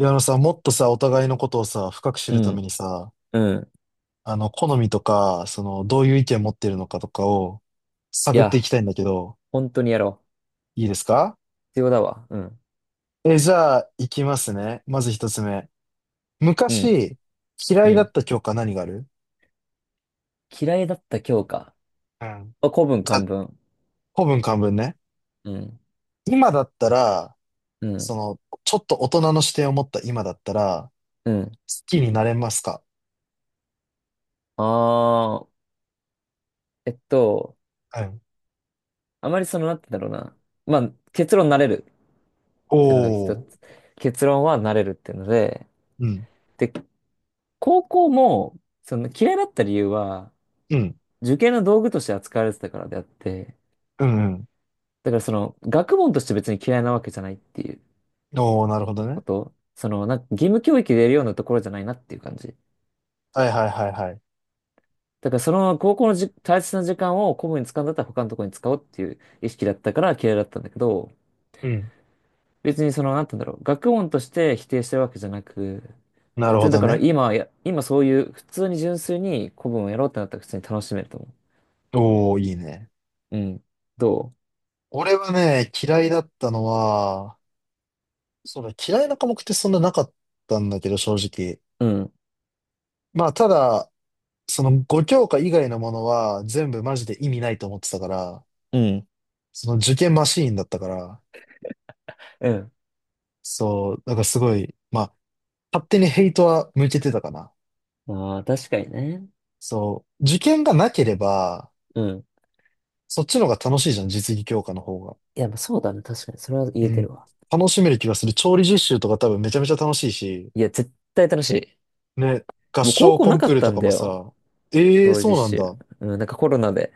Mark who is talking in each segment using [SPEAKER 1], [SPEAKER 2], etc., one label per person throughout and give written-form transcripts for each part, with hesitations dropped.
[SPEAKER 1] いや、あのさ、もっとさ、お互いのことをさ、深く知
[SPEAKER 2] う
[SPEAKER 1] るため
[SPEAKER 2] ん、
[SPEAKER 1] にさ、
[SPEAKER 2] うん。
[SPEAKER 1] 好みとか、どういう意見を持ってるのかとかを
[SPEAKER 2] い
[SPEAKER 1] 探ってい
[SPEAKER 2] や、
[SPEAKER 1] きたいんだけど、
[SPEAKER 2] 本当にやろう。
[SPEAKER 1] いいですか？
[SPEAKER 2] 必要だわ。うん、
[SPEAKER 1] じゃあ、いきますね。まず一つ目。
[SPEAKER 2] うん、
[SPEAKER 1] 昔、嫌
[SPEAKER 2] う
[SPEAKER 1] いだっ
[SPEAKER 2] ん。
[SPEAKER 1] た教科何がある？
[SPEAKER 2] 嫌いだった教科。
[SPEAKER 1] うん。
[SPEAKER 2] あ、古文、
[SPEAKER 1] じゃ
[SPEAKER 2] 漢
[SPEAKER 1] あ、
[SPEAKER 2] 文。
[SPEAKER 1] 古文漢文ね。
[SPEAKER 2] うん、
[SPEAKER 1] 今だったら、
[SPEAKER 2] う
[SPEAKER 1] そ
[SPEAKER 2] ん、
[SPEAKER 1] の、ちょっと大人の視点を持った今だったら、
[SPEAKER 2] うん。
[SPEAKER 1] 好きになれますか？
[SPEAKER 2] あー、えっと、
[SPEAKER 1] うん。
[SPEAKER 2] あまりその、なんて言うんだろうな。まあ、結論なれるっていうのが一
[SPEAKER 1] おー。
[SPEAKER 2] つ。結論はなれるっていうので、
[SPEAKER 1] うん。
[SPEAKER 2] で、高校も、その嫌いだった理由は、
[SPEAKER 1] うん。
[SPEAKER 2] 受験の道具として扱われてたからであって、
[SPEAKER 1] うんうん。
[SPEAKER 2] だからその、学問として別に嫌いなわけじゃないっていう。
[SPEAKER 1] おー、なるほど
[SPEAKER 2] こ
[SPEAKER 1] ね。
[SPEAKER 2] と、その、なんか義務教育でやるようなところじゃないなっていう感じ。
[SPEAKER 1] はいはいはいはい。
[SPEAKER 2] だからその高校の、大切な時間を公務に使うんだったら他のところに使おうっていう意識だったから嫌いだったんだけど、
[SPEAKER 1] うん、
[SPEAKER 2] 別にその、なんて言うんだろう、学問として否定してるわけじゃなく、
[SPEAKER 1] な
[SPEAKER 2] 普
[SPEAKER 1] る
[SPEAKER 2] 通
[SPEAKER 1] ほ
[SPEAKER 2] にだ
[SPEAKER 1] ど
[SPEAKER 2] から
[SPEAKER 1] ね。
[SPEAKER 2] 今はや、今そういう普通に純粋に古文をやろうってなったら普通に楽しめると思
[SPEAKER 1] おお、いいね。
[SPEAKER 2] う。うん。ど
[SPEAKER 1] 俺はね、嫌いだったのは、そうだ、嫌いな科目ってそんななかったんだけど、正直。
[SPEAKER 2] う、うん。
[SPEAKER 1] まあ、ただ、その5教科以外のものは全部マジで意味ないと思ってたから、
[SPEAKER 2] うん。
[SPEAKER 1] その受験マシーンだったから、
[SPEAKER 2] うん。
[SPEAKER 1] そう、だからすごい、まあ、勝手にヘイトは向けてたかな。
[SPEAKER 2] ああ、確かにね。
[SPEAKER 1] そう、受験がなければ、
[SPEAKER 2] うん。
[SPEAKER 1] そっちの方が楽しいじゃん、実技教科の方が。
[SPEAKER 2] いや、まあそうだね。確かに。それは言
[SPEAKER 1] う
[SPEAKER 2] えて
[SPEAKER 1] ん、
[SPEAKER 2] るわ。
[SPEAKER 1] 楽しめる気がする。調理実習とか多分めちゃめちゃ楽しいし、
[SPEAKER 2] いや、絶対楽しい。
[SPEAKER 1] ね、合
[SPEAKER 2] もう高
[SPEAKER 1] 唱
[SPEAKER 2] 校
[SPEAKER 1] コ
[SPEAKER 2] な
[SPEAKER 1] ン
[SPEAKER 2] か
[SPEAKER 1] クー
[SPEAKER 2] っ
[SPEAKER 1] ル
[SPEAKER 2] た
[SPEAKER 1] と
[SPEAKER 2] ん
[SPEAKER 1] か
[SPEAKER 2] だ
[SPEAKER 1] も
[SPEAKER 2] よ。
[SPEAKER 1] さ、ええ、
[SPEAKER 2] 料理
[SPEAKER 1] そうな
[SPEAKER 2] 実
[SPEAKER 1] ん
[SPEAKER 2] 習。
[SPEAKER 1] だ。
[SPEAKER 2] うん、なんかコロナで、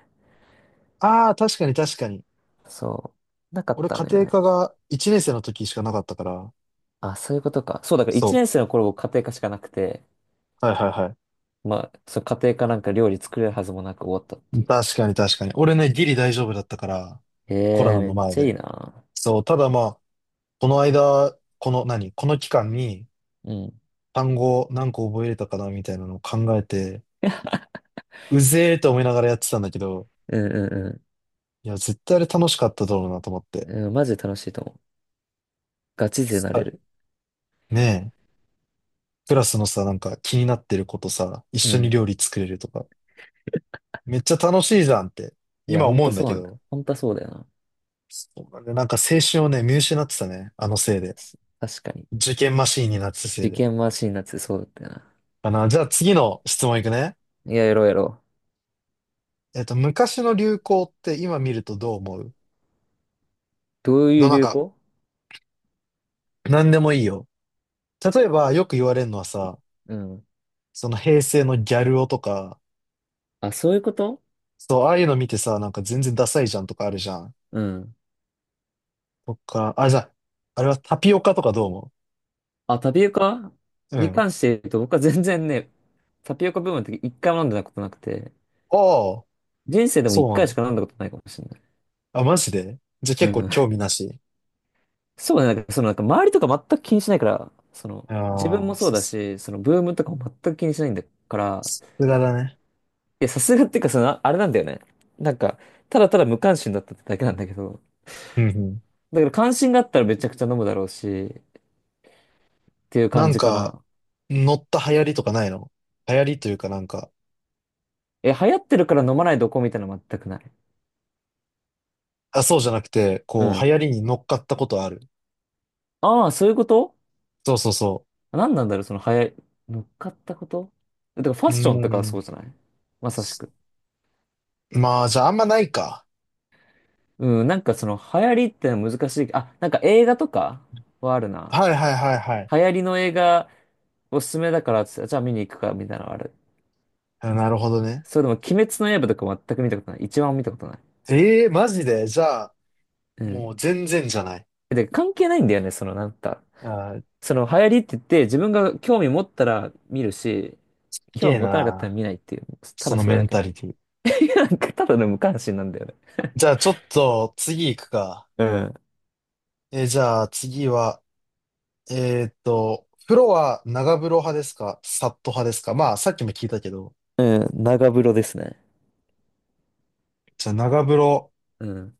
[SPEAKER 1] ああ、確かに確かに。
[SPEAKER 2] そう、なかっ
[SPEAKER 1] 俺、
[SPEAKER 2] た
[SPEAKER 1] 家
[SPEAKER 2] のよ
[SPEAKER 1] 庭
[SPEAKER 2] ね。
[SPEAKER 1] 科が1年生の時しかなかったから、
[SPEAKER 2] あ、そういうことか。そう、だから1
[SPEAKER 1] そ
[SPEAKER 2] 年生の頃僕家庭科しかなくて、
[SPEAKER 1] う。はいはいは
[SPEAKER 2] まあ、そう家庭科なんか料理作れるはずもなく終わったって
[SPEAKER 1] い。
[SPEAKER 2] いう。
[SPEAKER 1] 確かに確かに。俺ね、ギリ大丈夫だったから、
[SPEAKER 2] へ
[SPEAKER 1] コロ
[SPEAKER 2] え、
[SPEAKER 1] ナ
[SPEAKER 2] め
[SPEAKER 1] の
[SPEAKER 2] っ
[SPEAKER 1] 前
[SPEAKER 2] ちゃい
[SPEAKER 1] で。
[SPEAKER 2] いな。
[SPEAKER 1] そう、ただまあ、この間、この期間に
[SPEAKER 2] うん。
[SPEAKER 1] 単語何個覚えれたかなみたいなのを考えて、うぜーと思いながらやってたんだけど、
[SPEAKER 2] うんう
[SPEAKER 1] いや、絶対あれ楽しかっただろうなと思っ
[SPEAKER 2] ん
[SPEAKER 1] て。
[SPEAKER 2] うん。うん、マジで楽しいと思う。ガチ勢な
[SPEAKER 1] は
[SPEAKER 2] れ
[SPEAKER 1] い、
[SPEAKER 2] る。
[SPEAKER 1] ねえ。クラスのさ、なんか気になってることさ、一
[SPEAKER 2] う
[SPEAKER 1] 緒に
[SPEAKER 2] ん。
[SPEAKER 1] 料理作れるとか、めっちゃ楽しいじゃんって、
[SPEAKER 2] いや、
[SPEAKER 1] 今
[SPEAKER 2] ほん
[SPEAKER 1] 思う
[SPEAKER 2] と
[SPEAKER 1] んだ
[SPEAKER 2] そう
[SPEAKER 1] け
[SPEAKER 2] なんだ。
[SPEAKER 1] ど、
[SPEAKER 2] ほんとそうだよな。
[SPEAKER 1] そうなんだよ。なんか青春をね、見失ってたね、あのせいで。
[SPEAKER 2] 確かに。
[SPEAKER 1] 受験マシーンになってたせい
[SPEAKER 2] 受
[SPEAKER 1] で。
[SPEAKER 2] 験マシンなってそうだったよな。
[SPEAKER 1] かな。じゃあ次の質問いくね。
[SPEAKER 2] いや、やろうやろう。
[SPEAKER 1] 昔の流行って今見るとどう思う？
[SPEAKER 2] どうい
[SPEAKER 1] どう、
[SPEAKER 2] う
[SPEAKER 1] なん
[SPEAKER 2] 流
[SPEAKER 1] か、
[SPEAKER 2] 行、
[SPEAKER 1] なんでもいいよ。例えば、よく言われるのはさ、
[SPEAKER 2] うん。
[SPEAKER 1] その平成のギャル男とか、
[SPEAKER 2] あ、そういうこと、
[SPEAKER 1] そう、ああいうの見てさ、なんか全然ダサいじゃんとかあるじゃん。
[SPEAKER 2] うん。
[SPEAKER 1] とか、あ、じゃあ、あれはタピオカとかどう思
[SPEAKER 2] あ、タピオカ
[SPEAKER 1] うう
[SPEAKER 2] に
[SPEAKER 1] ん。
[SPEAKER 2] 関して言うと、僕は全然ね、タピオカブームの時一回も飲んだことなくて、
[SPEAKER 1] おー、
[SPEAKER 2] 人生でも
[SPEAKER 1] そ
[SPEAKER 2] 一
[SPEAKER 1] うなん
[SPEAKER 2] 回
[SPEAKER 1] だ。
[SPEAKER 2] しか飲んだことないかもしれない。
[SPEAKER 1] あ、マジでじゃあ
[SPEAKER 2] う
[SPEAKER 1] 結構
[SPEAKER 2] ん。
[SPEAKER 1] 興味なし。
[SPEAKER 2] そうね、なんか、そのなんか周りとか全く気にしないから、その、自分
[SPEAKER 1] あ
[SPEAKER 2] も
[SPEAKER 1] あ、
[SPEAKER 2] そうだし、そのブームとかも全く気にしないんだから、
[SPEAKER 1] さすがだね。
[SPEAKER 2] いや、さすがっていうか、その、あれなんだよね。なんか、ただただ無関心だったってだけなんだけど、
[SPEAKER 1] うんうん。
[SPEAKER 2] だから関心があったらめちゃくちゃ飲むだろうし、っていう
[SPEAKER 1] な
[SPEAKER 2] 感
[SPEAKER 1] ん
[SPEAKER 2] じか
[SPEAKER 1] か、
[SPEAKER 2] な。
[SPEAKER 1] 乗った流行りとかないの？流行りというかなんか、
[SPEAKER 2] え、流行ってるから飲まないどこみたいなの全くない。
[SPEAKER 1] あ、そうじゃなくて、
[SPEAKER 2] う
[SPEAKER 1] こう、流
[SPEAKER 2] ん。
[SPEAKER 1] 行りに乗っかったことある？
[SPEAKER 2] ああ、そういうこと、
[SPEAKER 1] そうそうそ
[SPEAKER 2] 何なんだろう、その早い、乗っかったこと、だからファ
[SPEAKER 1] う。
[SPEAKER 2] ッ
[SPEAKER 1] う
[SPEAKER 2] ションとかは
[SPEAKER 1] ん。
[SPEAKER 2] そうじゃない、まさしく。
[SPEAKER 1] まあ、じゃああんまないか。
[SPEAKER 2] うん、なんかその流行りってのは難しい。あ、なんか映画とかはあるな。
[SPEAKER 1] はいはいはいはい。
[SPEAKER 2] 流行りの映画、おすすめだからっつって、じゃあ見に行くか、みたいなのある。
[SPEAKER 1] あ、なるほどね。
[SPEAKER 2] それでも、鬼滅の刃とか全く見たことない。一番も見たことない。
[SPEAKER 1] ええ、マジでじゃあ、
[SPEAKER 2] う
[SPEAKER 1] もう
[SPEAKER 2] ん。
[SPEAKER 1] 全然じゃない。
[SPEAKER 2] で、関係ないんだよね、そのなんか。
[SPEAKER 1] あー、
[SPEAKER 2] その流行りって言って、自分が興味持ったら見るし、
[SPEAKER 1] すげ
[SPEAKER 2] 興
[SPEAKER 1] え
[SPEAKER 2] 味持たなかったら
[SPEAKER 1] な。
[SPEAKER 2] 見ないっていう。た
[SPEAKER 1] そ
[SPEAKER 2] だ
[SPEAKER 1] の
[SPEAKER 2] それ
[SPEAKER 1] メ
[SPEAKER 2] だ
[SPEAKER 1] ン
[SPEAKER 2] け。
[SPEAKER 1] タリティ。
[SPEAKER 2] なんかただの無関心なんだよね。
[SPEAKER 1] じゃあちょっと次行くか。
[SPEAKER 2] うん、
[SPEAKER 1] じゃあ次は、風呂は長風呂派ですかサット派ですか？まあ、さっきも聞いたけど、
[SPEAKER 2] うん、長風呂ですね。
[SPEAKER 1] じゃあ長風呂
[SPEAKER 2] うん。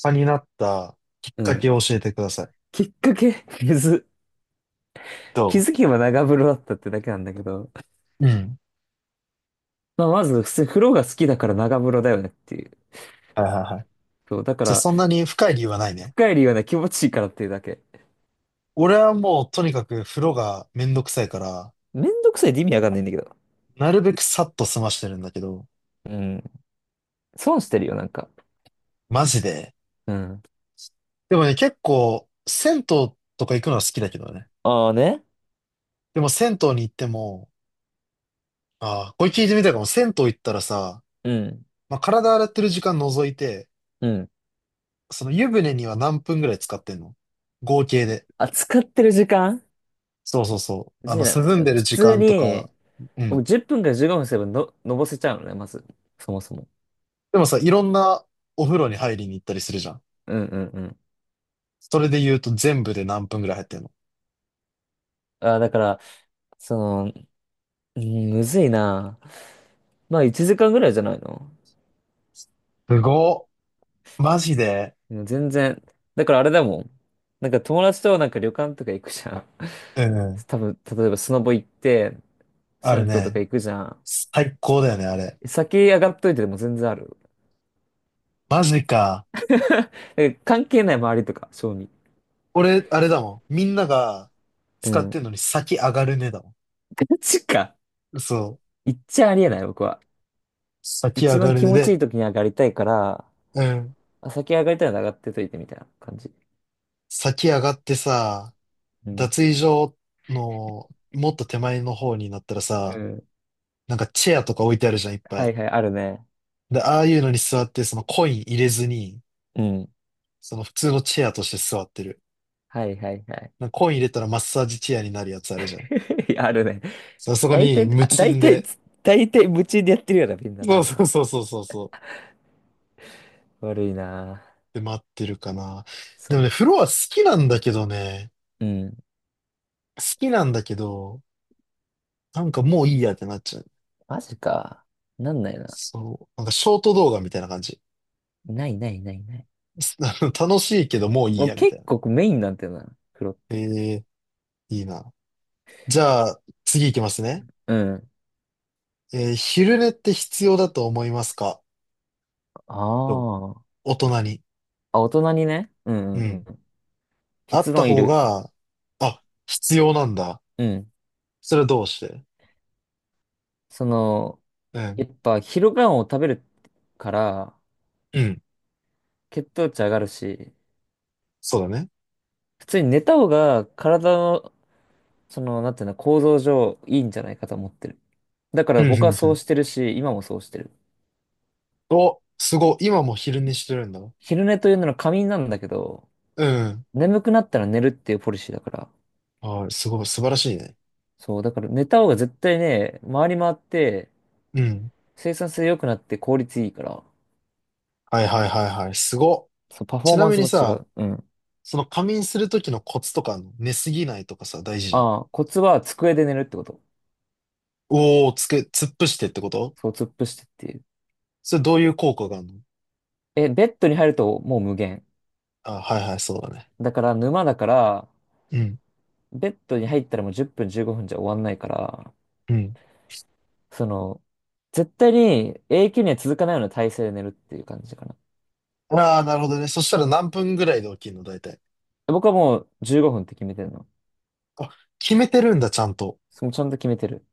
[SPEAKER 1] 派になったきっ
[SPEAKER 2] う
[SPEAKER 1] か
[SPEAKER 2] ん。
[SPEAKER 1] けを教えてください。
[SPEAKER 2] きっかけ、水。
[SPEAKER 1] ど
[SPEAKER 2] 気づけば長風呂だったってだけなんだけど。
[SPEAKER 1] う、うん。
[SPEAKER 2] まあ、まず、普通に風呂が好きだから長風呂だよねっていう。
[SPEAKER 1] はいはいはい。
[SPEAKER 2] そう、だか
[SPEAKER 1] じゃあ
[SPEAKER 2] ら、
[SPEAKER 1] そんなに深い理由はないね。
[SPEAKER 2] 深い理由はね、気持ちいいからっていうだけ。
[SPEAKER 1] 俺はもうとにかく風呂がめんどくさいから、
[SPEAKER 2] めんどくさいって意味わかんないんだけど。
[SPEAKER 1] なるべくさっと済ましてるんだけど、
[SPEAKER 2] うん。損してるよ、なんか。
[SPEAKER 1] マジで。
[SPEAKER 2] うん。
[SPEAKER 1] でもね、結構、銭湯とか行くのは好きだけどね。
[SPEAKER 2] ああね。
[SPEAKER 1] でも銭湯に行っても、ああ、これ聞いてみたいかも。銭湯行ったらさ、
[SPEAKER 2] うん。
[SPEAKER 1] まあ、体洗ってる時間除いて、
[SPEAKER 2] うん。
[SPEAKER 1] その湯船には何分ぐらい使ってんの？合計で。
[SPEAKER 2] あ、使ってる時間、
[SPEAKER 1] そうそうそう。
[SPEAKER 2] 別にな、
[SPEAKER 1] 涼んでる
[SPEAKER 2] 普
[SPEAKER 1] 時
[SPEAKER 2] 通
[SPEAKER 1] 間とか、
[SPEAKER 2] に、
[SPEAKER 1] う
[SPEAKER 2] もう
[SPEAKER 1] ん。
[SPEAKER 2] 10分から15分すればの、のぼせちゃうのね、まず。そもそも。
[SPEAKER 1] でもさ、いろんなお風呂に入りに行ったりするじゃん。
[SPEAKER 2] うんうんうん。
[SPEAKER 1] それで言うと全部で何分ぐらい入ってんの？
[SPEAKER 2] あ、だから、その、うん、むずいな。まあ、1時間ぐらいじゃないの。
[SPEAKER 1] すごっ。マジで。
[SPEAKER 2] もう全然。だからあれだもん。なんか友達となんか旅館とか行くじゃん。
[SPEAKER 1] うん。
[SPEAKER 2] 多分、例えばスノボ行って、
[SPEAKER 1] あ
[SPEAKER 2] 銭
[SPEAKER 1] る
[SPEAKER 2] 湯とか
[SPEAKER 1] ね。
[SPEAKER 2] 行くじゃん。
[SPEAKER 1] 最高だよね、あれ。
[SPEAKER 2] 先上がっといてでも全然ある。
[SPEAKER 1] マジか。
[SPEAKER 2] だから関係ない周りとか、正味。
[SPEAKER 1] 俺、あれだもん。みんなが
[SPEAKER 2] う
[SPEAKER 1] 使っ
[SPEAKER 2] ん。
[SPEAKER 1] てんのに先上がるねだも
[SPEAKER 2] ガチか。
[SPEAKER 1] ん。そう。
[SPEAKER 2] 行っちゃありえない、僕は。
[SPEAKER 1] 先
[SPEAKER 2] 一
[SPEAKER 1] 上が
[SPEAKER 2] 番
[SPEAKER 1] る
[SPEAKER 2] 気
[SPEAKER 1] ね
[SPEAKER 2] 持ちいい
[SPEAKER 1] で、
[SPEAKER 2] 時に上がりたいから、
[SPEAKER 1] うん。
[SPEAKER 2] あ、先上がりたいなら上がってといてみたいな感じ。
[SPEAKER 1] 先上がってさ、
[SPEAKER 2] うん。
[SPEAKER 1] 脱衣所のもっと手前の方になったら
[SPEAKER 2] う
[SPEAKER 1] さ、
[SPEAKER 2] ん。
[SPEAKER 1] なんかチェアとか置いてあるじゃん、いっぱ
[SPEAKER 2] は
[SPEAKER 1] い。
[SPEAKER 2] いはい、あるね。
[SPEAKER 1] で、ああいうのに座って、そのコイン入れずに、
[SPEAKER 2] うん。
[SPEAKER 1] その普通のチェアとして座ってる。
[SPEAKER 2] はいはいはい。
[SPEAKER 1] なんかコイン入れたらマッサージチェアになるやつあるじゃん。
[SPEAKER 2] あるね。
[SPEAKER 1] そう、そこ
[SPEAKER 2] 大
[SPEAKER 1] に
[SPEAKER 2] 体、
[SPEAKER 1] 無
[SPEAKER 2] あ大
[SPEAKER 1] 賃
[SPEAKER 2] 体
[SPEAKER 1] で。
[SPEAKER 2] 大体夢中でやってるような、みんな
[SPEAKER 1] そう
[SPEAKER 2] 誰と。
[SPEAKER 1] そうそうそうそうそう。
[SPEAKER 2] 悪いな。
[SPEAKER 1] で、待ってるかな。でもね、
[SPEAKER 2] そ
[SPEAKER 1] 風呂は好きなんだけどね。
[SPEAKER 2] う。うん。
[SPEAKER 1] 好きなんだけど、なんかもういいやってなっちゃう。
[SPEAKER 2] マジか。なんないな。
[SPEAKER 1] そう。なんかショート動画みたいな感じ。
[SPEAKER 2] ないないないない。
[SPEAKER 1] 楽しいけどもういい
[SPEAKER 2] もう
[SPEAKER 1] や、みたい
[SPEAKER 2] 結
[SPEAKER 1] な。
[SPEAKER 2] 構メインなんてな、風呂っ
[SPEAKER 1] え
[SPEAKER 2] て。
[SPEAKER 1] え、いいな。じゃあ、次行きますね。
[SPEAKER 2] うん。
[SPEAKER 1] 昼寝って必要だと思いますか？
[SPEAKER 2] あ
[SPEAKER 1] と、
[SPEAKER 2] あ。
[SPEAKER 1] 大人に。
[SPEAKER 2] あ、大人にね。うん
[SPEAKER 1] う
[SPEAKER 2] うん
[SPEAKER 1] ん。
[SPEAKER 2] うん。
[SPEAKER 1] あっ
[SPEAKER 2] 結
[SPEAKER 1] た
[SPEAKER 2] 論い
[SPEAKER 1] 方
[SPEAKER 2] る。
[SPEAKER 1] が、あ、必要なんだ。
[SPEAKER 2] うん。
[SPEAKER 1] それはどうして？
[SPEAKER 2] その、
[SPEAKER 1] うん。
[SPEAKER 2] やっぱ昼ご飯を食べるから、
[SPEAKER 1] うん。
[SPEAKER 2] 血糖値上がるし、
[SPEAKER 1] そうだね。
[SPEAKER 2] 普通に寝た方が体、その、なんていうの、構造上いいんじゃないかと思ってる。だか
[SPEAKER 1] うん、
[SPEAKER 2] ら
[SPEAKER 1] う
[SPEAKER 2] 僕は
[SPEAKER 1] ん、う
[SPEAKER 2] そう
[SPEAKER 1] ん。
[SPEAKER 2] してるし、今もそうしてる。
[SPEAKER 1] お、すごい。今も昼寝してるんだ。
[SPEAKER 2] 昼寝というのは仮眠なんだけど、
[SPEAKER 1] うん。
[SPEAKER 2] 眠くなったら寝るっていうポリシーだから。
[SPEAKER 1] はい、すごい。素晴らしいね。
[SPEAKER 2] そう、だから寝た方が絶対ね、回り回って
[SPEAKER 1] うん。
[SPEAKER 2] 生産性良くなって効率いいから。
[SPEAKER 1] はい、はい、はい、はい。すごっ。
[SPEAKER 2] そう、パフォ
[SPEAKER 1] ち
[SPEAKER 2] ー
[SPEAKER 1] な
[SPEAKER 2] マン
[SPEAKER 1] み
[SPEAKER 2] ス
[SPEAKER 1] に
[SPEAKER 2] も違
[SPEAKER 1] さ、
[SPEAKER 2] う。うん。
[SPEAKER 1] その仮眠するときのコツとかあんの？寝すぎないとかさ、大事じゃん。
[SPEAKER 2] ああ、コツは机で寝るってこと。
[SPEAKER 1] おー、突っ伏してってこと？
[SPEAKER 2] そう、突っ伏してっていう。
[SPEAKER 1] それどういう効果があるの？
[SPEAKER 2] え、ベッドに入るともう無限。
[SPEAKER 1] あ、はいはい、そうだね。
[SPEAKER 2] だから沼だから、
[SPEAKER 1] うん、
[SPEAKER 2] ベッドに入ったらもう10分15分じゅうごふんじゃ終わんないから、
[SPEAKER 1] うん。
[SPEAKER 2] その、絶対に永久には続かないような体勢で寝るっていう感じかな。
[SPEAKER 1] ああ、なるほどね。そしたら何分ぐらいで起きるの、大体。
[SPEAKER 2] 僕はもう15分って決めてるの。
[SPEAKER 1] あ、決めてるんだ、ちゃんと。
[SPEAKER 2] そのちゃんと決めてる。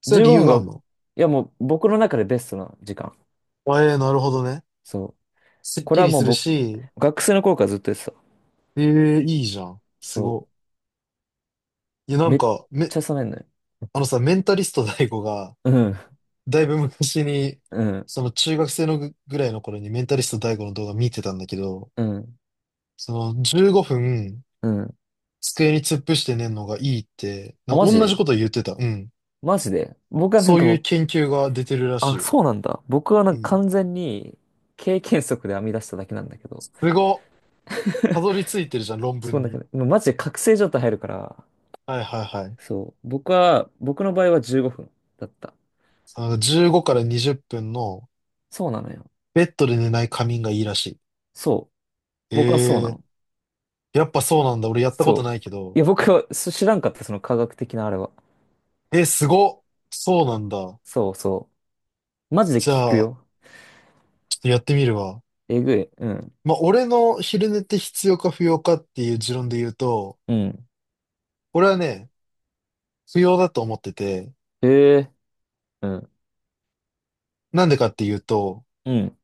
[SPEAKER 1] それ
[SPEAKER 2] 15
[SPEAKER 1] 理由
[SPEAKER 2] 分
[SPEAKER 1] があ
[SPEAKER 2] が、
[SPEAKER 1] んの？
[SPEAKER 2] いやもう僕の中でベストな時間。
[SPEAKER 1] あ、ええ、なるほどね。
[SPEAKER 2] そう。
[SPEAKER 1] すっ
[SPEAKER 2] こ
[SPEAKER 1] き
[SPEAKER 2] れは
[SPEAKER 1] り
[SPEAKER 2] も
[SPEAKER 1] す
[SPEAKER 2] う
[SPEAKER 1] る
[SPEAKER 2] 僕、
[SPEAKER 1] し、
[SPEAKER 2] 学生の頃からずっとやってた。
[SPEAKER 1] ええ、いいじゃん。す
[SPEAKER 2] そ
[SPEAKER 1] ごい。いや、な
[SPEAKER 2] う。
[SPEAKER 1] ん
[SPEAKER 2] めっ
[SPEAKER 1] か、
[SPEAKER 2] ちゃ冷めんのよ。
[SPEAKER 1] あのさ、メンタリスト大悟が、
[SPEAKER 2] うん、
[SPEAKER 1] だいぶ昔に、
[SPEAKER 2] うん、
[SPEAKER 1] その中学生のぐらいの頃にメンタリスト大悟の動画見てたんだけど、
[SPEAKER 2] うん、
[SPEAKER 1] その15分
[SPEAKER 2] うん。
[SPEAKER 1] 机に突っ伏して寝るのがいいって、
[SPEAKER 2] あ、マ
[SPEAKER 1] 同じ
[SPEAKER 2] ジ
[SPEAKER 1] こと言ってた。うん。
[SPEAKER 2] マジで僕はなん
[SPEAKER 1] そう
[SPEAKER 2] かも
[SPEAKER 1] いう
[SPEAKER 2] う、
[SPEAKER 1] 研究が出てるらしい
[SPEAKER 2] あ、
[SPEAKER 1] よ。
[SPEAKER 2] そうなんだ。僕はな
[SPEAKER 1] う
[SPEAKER 2] んか
[SPEAKER 1] ん。
[SPEAKER 2] 完全に経験則で編み出しただけなんだけど。
[SPEAKER 1] すごっ。たどり着いてるじゃん、論
[SPEAKER 2] そ
[SPEAKER 1] 文
[SPEAKER 2] うなんか
[SPEAKER 1] に。
[SPEAKER 2] ねもうマジで覚醒状態入るから、
[SPEAKER 1] はいはいはい。
[SPEAKER 2] そう。僕は、僕の場合は15分だった。
[SPEAKER 1] 15から20分の
[SPEAKER 2] そうなのよ。
[SPEAKER 1] ベッドで寝ない仮眠がいいらし
[SPEAKER 2] そう。
[SPEAKER 1] い。え
[SPEAKER 2] 僕はそうな
[SPEAKER 1] え、
[SPEAKER 2] の。
[SPEAKER 1] やっぱそうなんだ。俺やったこと
[SPEAKER 2] そ
[SPEAKER 1] ない
[SPEAKER 2] う。
[SPEAKER 1] け
[SPEAKER 2] い
[SPEAKER 1] ど。
[SPEAKER 2] や、僕はそ知らんかった、その科学的なあれは。
[SPEAKER 1] すごっ。そうなんだ。
[SPEAKER 2] そうそう。マジで
[SPEAKER 1] じ
[SPEAKER 2] 聞く
[SPEAKER 1] ゃあ、
[SPEAKER 2] よ。
[SPEAKER 1] ちょっとやってみるわ。
[SPEAKER 2] えぐい。うん。
[SPEAKER 1] まあ、俺の昼寝って必要か不要かっていう持論で言うと、
[SPEAKER 2] うん。
[SPEAKER 1] 俺はね、不要だと思ってて、
[SPEAKER 2] へえ。うん。
[SPEAKER 1] なんでかっていうと、
[SPEAKER 2] うん。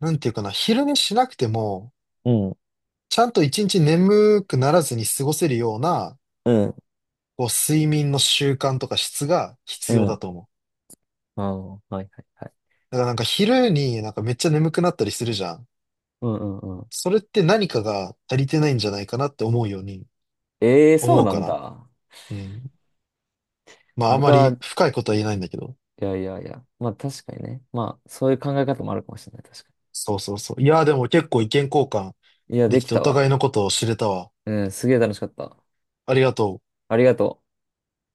[SPEAKER 1] なんていうかな、昼寝しなくても、
[SPEAKER 2] うん。
[SPEAKER 1] ちゃんと一日眠くならずに過ごせるような
[SPEAKER 2] うん。
[SPEAKER 1] こう、睡眠の習慣とか質が必
[SPEAKER 2] う
[SPEAKER 1] 要だ
[SPEAKER 2] ん。
[SPEAKER 1] と思う。
[SPEAKER 2] ああ、はいはいはい。
[SPEAKER 1] だからなんか昼になんかめっちゃ眠くなったりするじゃん。
[SPEAKER 2] うんうんうん。
[SPEAKER 1] それって何かが足りてないんじゃないかなって思うように
[SPEAKER 2] ええ、そう
[SPEAKER 1] 思う
[SPEAKER 2] な
[SPEAKER 1] か
[SPEAKER 2] ん
[SPEAKER 1] な。
[SPEAKER 2] だ。
[SPEAKER 1] うん。まああま
[SPEAKER 2] 僕
[SPEAKER 1] り
[SPEAKER 2] は、
[SPEAKER 1] 深いことは言えないんだけど。
[SPEAKER 2] いやいやいや。まあ確かにね。まあ、そういう考え方もあるかもしれない。確か
[SPEAKER 1] そうそうそう。いやーでも結構意見交換
[SPEAKER 2] に。いや、
[SPEAKER 1] で
[SPEAKER 2] で
[SPEAKER 1] き
[SPEAKER 2] き
[SPEAKER 1] てお
[SPEAKER 2] た
[SPEAKER 1] 互
[SPEAKER 2] わ。
[SPEAKER 1] いのことを知れたわ。
[SPEAKER 2] うん、すげえ楽しかった。
[SPEAKER 1] ありがとう。
[SPEAKER 2] ありがとう。